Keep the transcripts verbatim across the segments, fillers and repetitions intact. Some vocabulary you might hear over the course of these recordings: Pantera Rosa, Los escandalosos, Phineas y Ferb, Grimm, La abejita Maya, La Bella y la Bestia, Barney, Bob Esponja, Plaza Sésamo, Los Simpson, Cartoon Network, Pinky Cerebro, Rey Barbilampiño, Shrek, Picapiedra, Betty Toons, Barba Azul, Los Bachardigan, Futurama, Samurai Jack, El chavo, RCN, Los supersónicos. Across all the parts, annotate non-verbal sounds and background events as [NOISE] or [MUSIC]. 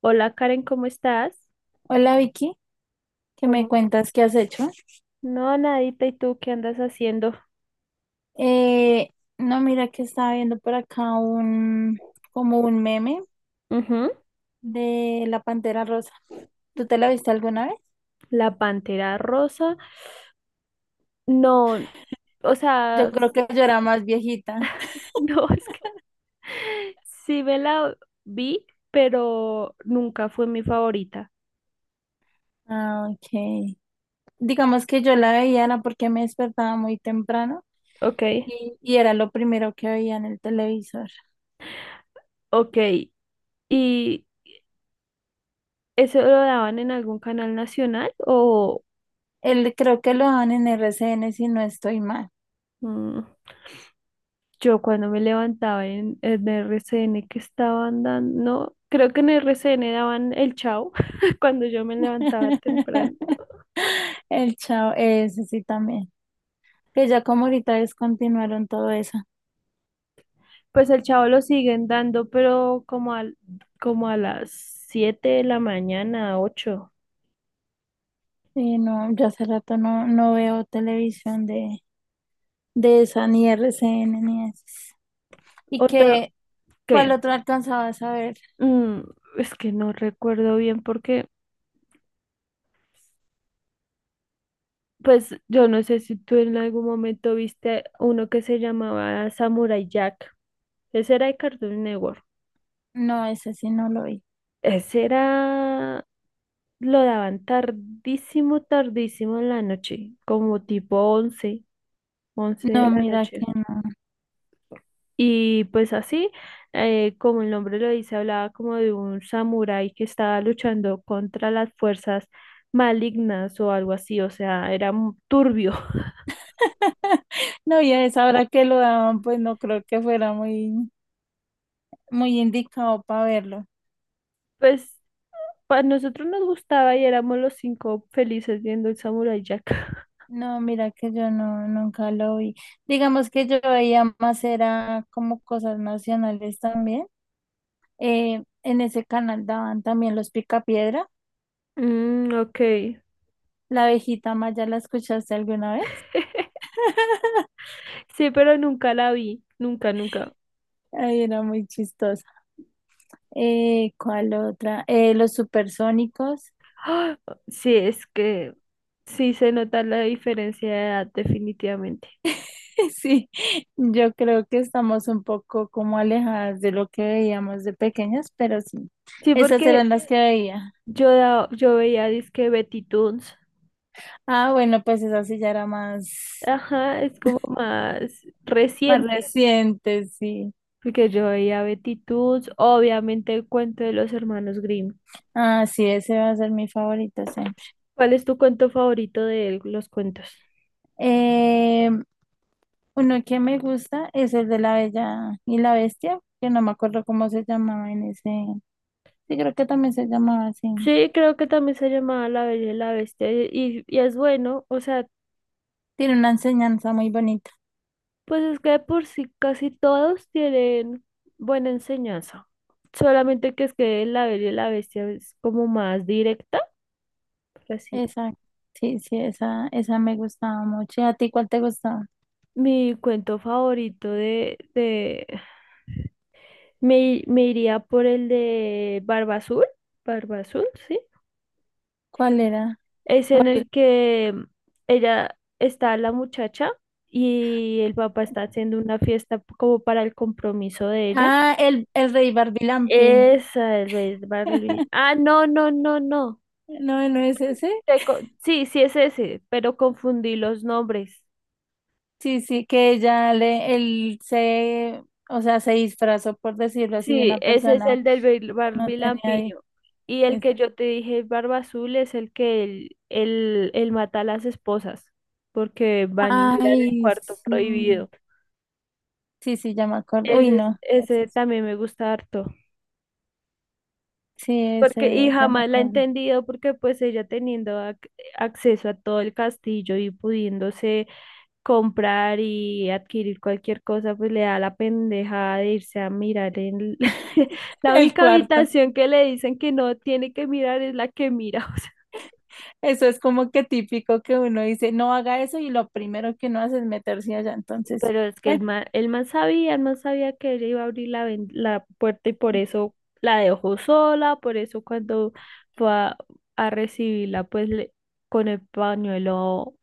Hola Karen, ¿cómo estás? Hola Vicky, ¿qué me ¿Cómo? cuentas? ¿Qué has hecho? No, nadita, ¿y tú qué andas haciendo? Eh, no, mira que estaba viendo por acá un como un meme Ujú. de la Pantera Rosa. ¿Tú te la viste alguna vez? La pantera rosa. No, o sea, Yo creo s- que yo era más viejita. [LAUGHS] no, es que [LAUGHS] sí me la vi, pero nunca fue mi favorita. Ah, ok. Digamos que yo la veía era porque me despertaba muy temprano Ok, y, y era lo primero que veía en el televisor. ok. ¿Y eso lo daban en algún canal nacional o...? Él creo que lo dan en R C N si no estoy mal. Mm. Yo cuando me levantaba en, en R C N que estaban dando, no, creo que en R C N daban el Chavo [LAUGHS] cuando yo me levantaba temprano. [LAUGHS] El chavo, ese sí también. Que ya como ahorita descontinuaron todo eso. Pues el Chavo lo siguen dando, pero como al, como a las siete de la mañana, ocho. Y no, yo hace rato no, no veo televisión de, de esa, ni R C N, ni esas. Y O ta- que, ¿qué? ¿cuál otro alcanzabas a ver? Mm, es que no recuerdo bien porque, pues yo no sé si tú en algún momento viste uno que se llamaba Samurai Jack. Ese era de Cartoon Network. No, ese sí no lo vi. Ese era Lo daban tardísimo, tardísimo en la noche, como tipo once, once de No, la mira noche. que no. Y pues así, eh, como el nombre lo dice, hablaba como de un samurái que estaba luchando contra las fuerzas malignas o algo así, o sea, era mu- turbio. [LAUGHS] [LAUGHS] No, y a esa hora que lo daban, pues no creo que fuera muy, muy indicado para verlo. Pues a nosotros nos gustaba y éramos los cinco felices viendo el Samurai Jack. [LAUGHS] No, mira que yo no, nunca lo vi. Digamos que yo veía más, era como cosas nacionales también. Eh, en ese canal daban también los Picapiedra. Mm, ok. La abejita Maya, ¿la escuchaste alguna vez? [LAUGHS] [LAUGHS] Sí, pero nunca la vi, nunca, nunca. Ay, era muy chistosa. Eh, ¿cuál otra? Eh, los supersónicos. [LAUGHS] ¡Ah! Sí, es que sí se nota la diferencia de edad definitivamente. Sí, yo creo que estamos un poco como alejadas de lo que veíamos de pequeñas, pero sí, Sí, esas porque eran las que veía. yo, da- yo veía disque Betty Toons. Ah, bueno, pues esa sí ya era más, Ajá, es como más más reciente, reciente, sí. porque yo veía Betty Toons, obviamente el cuento de los hermanos Grimm. Ah, sí, ese va a ser mi favorito siempre. ¿Cuál es tu cuento favorito de los cuentos? Eh, Uno que me gusta es el de La Bella y la Bestia, que no me acuerdo cómo se llamaba en ese. Sí, creo que también se llamaba así. Sí, creo que también se llamaba La Bella y la Bestia y, y es bueno, o sea. Tiene una enseñanza muy bonita. Pues es que de por sí casi todos tienen buena enseñanza. Solamente que es que La Bella y la Bestia es como más directa, por así. Esa, sí, sí, esa, esa me gustaba mucho. ¿Y a ti cuál te gustaba? Mi cuento favorito de, de me, me iría por el de Barba Azul. Barba Azul, sí. ¿Cuál era? Es en ¿Cuál- el que ella está la muchacha y el papá está haciendo una fiesta como para el compromiso de ella. Ah, el, el Rey Barbilampiño. Esa es Barley. [LAUGHS] Ah, no, no, no, no. No, no es ese. te co- sí, sí es ese, pero confundí los nombres. Sí, sí, que ella le, él se, O sea, se disfrazó, por decirlo así, de Sí, una ese es persona el del bil- que no tenía. di- barbilampiño. Y el que Esa. yo te dije, Barba Azul, es el que él, él, él mata a las esposas, porque van y miran el Ay, cuarto sí. prohibido. Sí, sí, ya me acordé. Uy, Ese, es- no, ese ese es- también me gusta harto. Sí, Porque, y ese ya me jamás la he acordé. entendido porque pues ella teniendo ac- acceso a todo el castillo y pudiéndose comprar y adquirir cualquier cosa, pues le da la pendeja de irse a mirar en el- [LAUGHS] [LAUGHS] la El única cuarto. habitación que le dicen que no tiene que mirar es la que mira. [LAUGHS] Eso es como que típico que uno dice, no haga eso y lo primero que uno hace es meterse allá. O sea, Entonces, pero es que el bueno, man, el man sabía, el man sabía que él iba a abrir la, ven- la puerta y por eso la dejó sola, por eso cuando fue a, a recibirla, pues le- con el pañuelo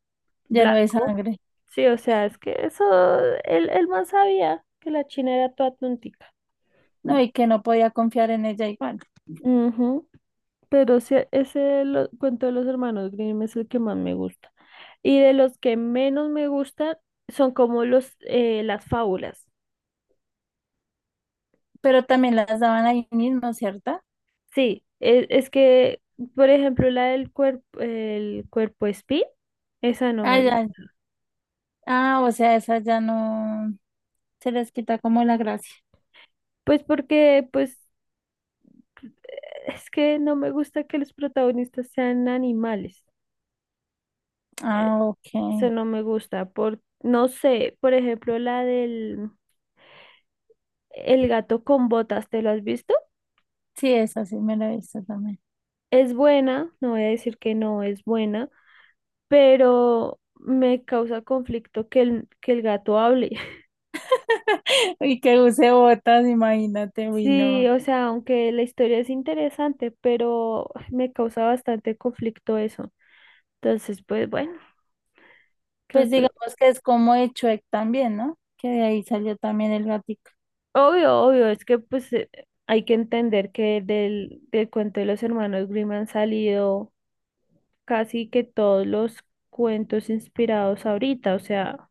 ya no hay blanco. sangre. Sí, o sea, es que eso, el, el man sabía que la china era toda tontica. No, y que no podía confiar en ella igual. Ujú. Pero sí, ese lo- cuento de los hermanos Grimm es el que más me gusta. Y de los que menos me gustan son como los, eh, las fábulas. Pero también las daban ahí mismo, ¿cierto? Sí, e- es, que, por ejemplo, la del cuerpo, el cuerpo espí, esa no Ah, me ya. gusta. Ah, o sea, esas ya no se les quita como la gracia. Pues porque, pues, es que no me gusta que los protagonistas sean animales. Ah, Eso ok. no me gusta. Por, no sé, por ejemplo, la del el gato con botas, ¿te lo has visto? Sí, esa sí me la he visto también. Es buena, no voy a decir que no es buena, pero me causa conflicto que el, que el gato hable. [LAUGHS] [LAUGHS] Y que use botas, imagínate, uy, Sí, no. o sea, aunque la historia es interesante, pero me causa bastante conflicto eso. Entonces, pues bueno, ¿qué Pues otro? digamos que es como de Shrek también, ¿no? Que de ahí salió también el gatico, Obvio, obvio, es que pues eh, hay que entender que del, del cuento de los hermanos Grimm han salido casi que todos los cuentos inspirados ahorita, o sea.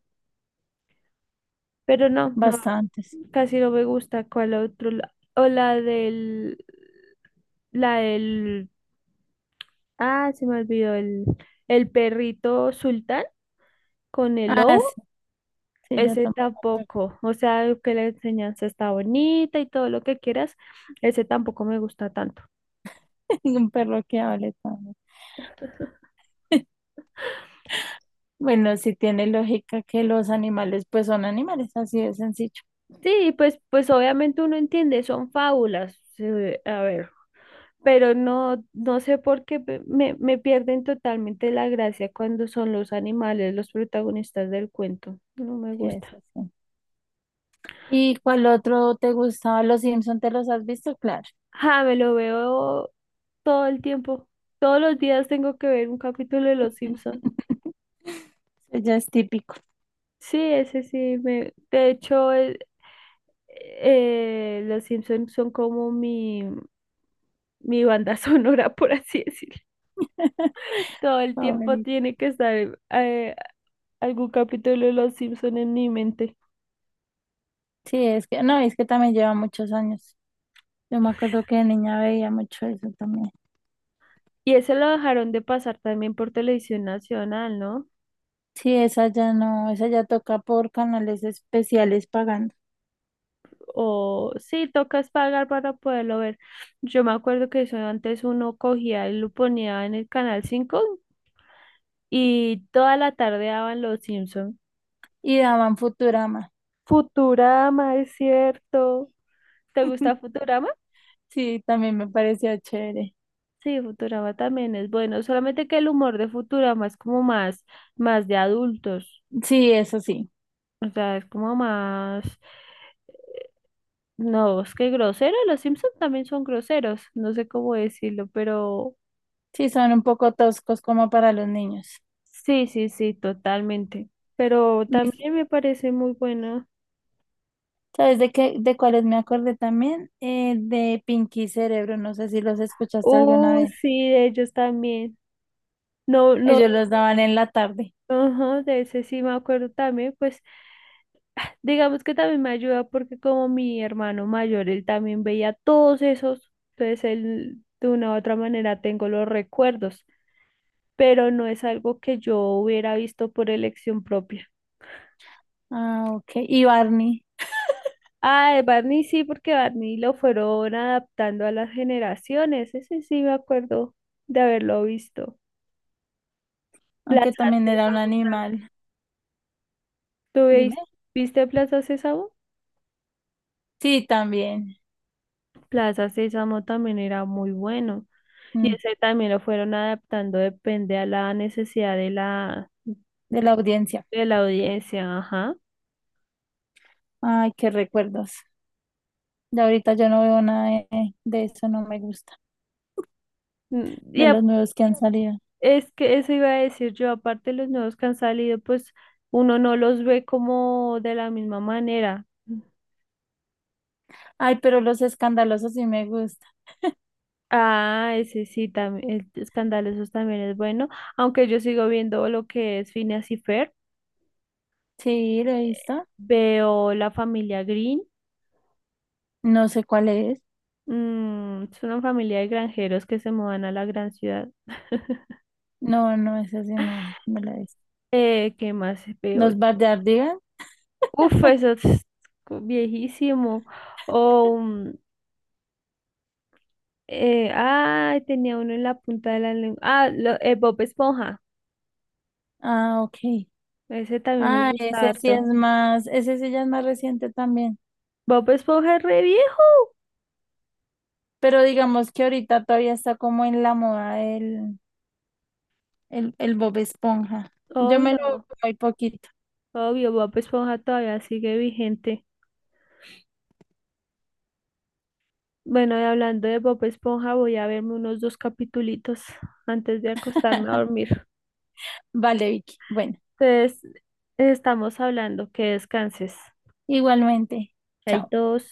Pero no, no, bastantes. casi no me gusta. ¿Cuál otro? la- O la del, la del, ah, se me olvidó, el, el perrito sultán con el Ah, sí, lobo. sí, ya Ese tomó la carta. tampoco, o sea, que la enseñanza está bonita y todo lo que quieras, ese tampoco me gusta tanto. [LAUGHS] Un perro que hable también. [LAUGHS] Bueno, sí tiene lógica que los animales, pues son animales, así de sencillo, Sí, pues, pues obviamente uno entiende, son fábulas. eh, a ver. Pero no, no sé por qué pe- me, me pierden totalmente la gracia cuando son los animales los protagonistas del cuento. No me que es gusta. así. ¿Y cuál otro te gustaba? ¿Los Simpson te los has visto? Claro. Ah, me lo veo todo el tiempo. Todos los días tengo que ver un capítulo de Los Simpson. [LAUGHS] Eso ya es típico. Sí, ese sí. Me... De hecho, el- eh, Los Simpson son como mi, mi banda [LAUGHS] sonora, por así decirlo. Todo [LAUGHS] el tiempo Favorito. tiene que estar eh, algún capítulo de Los Simpson en mi mente. Sí, es que, no, es que también lleva muchos años. Yo me acuerdo que de niña veía mucho eso también. Y ese lo dejaron de pasar también por televisión nacional, ¿no? Sí, esa ya no, esa ya toca por canales especiales pagando. O sí, tocas pagar para poderlo ver. Yo me acuerdo que eso antes uno cogía y lo ponía en el canal cinco y toda la tarde daban Los Simpson. Y daban Futurama. Futurama, es cierto. ¿Te gusta Futurama? Sí, también me parecía chévere. Sí, Futurama también es bueno, solamente que el humor de Futurama es como más, más de adultos. Sí, eso sí. O sea, es como más. No, es que grosero, los Simpsons también son groseros, no sé cómo decirlo, pero Sí, son un poco toscos como para los niños. sí, sí, sí, totalmente. Pero Mis- también me parece muy bueno. ¿Sabes de qué, de cuáles me acordé también? Eh, de Pinky Cerebro. No sé si los escuchaste alguna Uh, vez. sí, de ellos también. No, no, Ellos los daban en la tarde. ajá, de ese sí me acuerdo también, pues digamos que también me ayuda porque como mi hermano mayor, él también veía todos esos, entonces él de una u otra manera tengo los recuerdos, pero no es algo que yo hubiera visto por elección propia. Ah, ok. Y Barney, Ah, de Barney sí, porque Barney lo fueron adaptando a las generaciones. Ese sí me acuerdo de haberlo visto. aunque Plaza también era un Sésamo también. animal. ¿Tú Dime. veis- ¿Viste Plaza Sésamo? Sí, también. Plaza Sésamo también era muy bueno. Y Mm, ese también lo fueron adaptando, depende a la necesidad de la, de la audiencia. de la audiencia. Ajá. Ay, qué recuerdos. Ya ahorita yo no veo nada de, de eso, no me gusta, Mm. Y de a- los nuevos que han salido. Es que eso iba a decir yo, aparte los nuevos que han salido, pues uno no los ve como de la misma manera. Ay, pero los escandalosos sí me gusta. Ah, ese sí, también, Escandalosos también es bueno, aunque yo sigo viendo lo que es Phineas y Ferb, Sí, lo he visto. veo la familia Green, No sé cuál es. mm, es una familia de granjeros que se mudan a la gran ciudad. No, no, ese sí no me lo he visto. Eh, ¿qué más veo yo? ¿Los Bachardigan? Uf, [LAUGHS] eso es co- viejísimo. O, mm, eh, ay, tenía uno en la punta de la lengua. Ah, lo- eh, Bob Esponja, Ah, ok. ese también me Ah, gusta ese sí harto. es más, ese sí ya es más reciente también. Bob Esponja es re viejo, Pero digamos que ahorita todavía está como en la moda el, el, el Bob Esponja. Yo me lo veo obvio. muy poquito. Obvio, Bob Esponja todavía sigue vigente. Bueno, y hablando de Bob Esponja, voy a verme unos dos capitulitos antes de acostarme a [LAUGHS] dormir. Vale, Vicky. Bueno, Entonces, estamos hablando, que descanses. igualmente. Chao. Chaitos.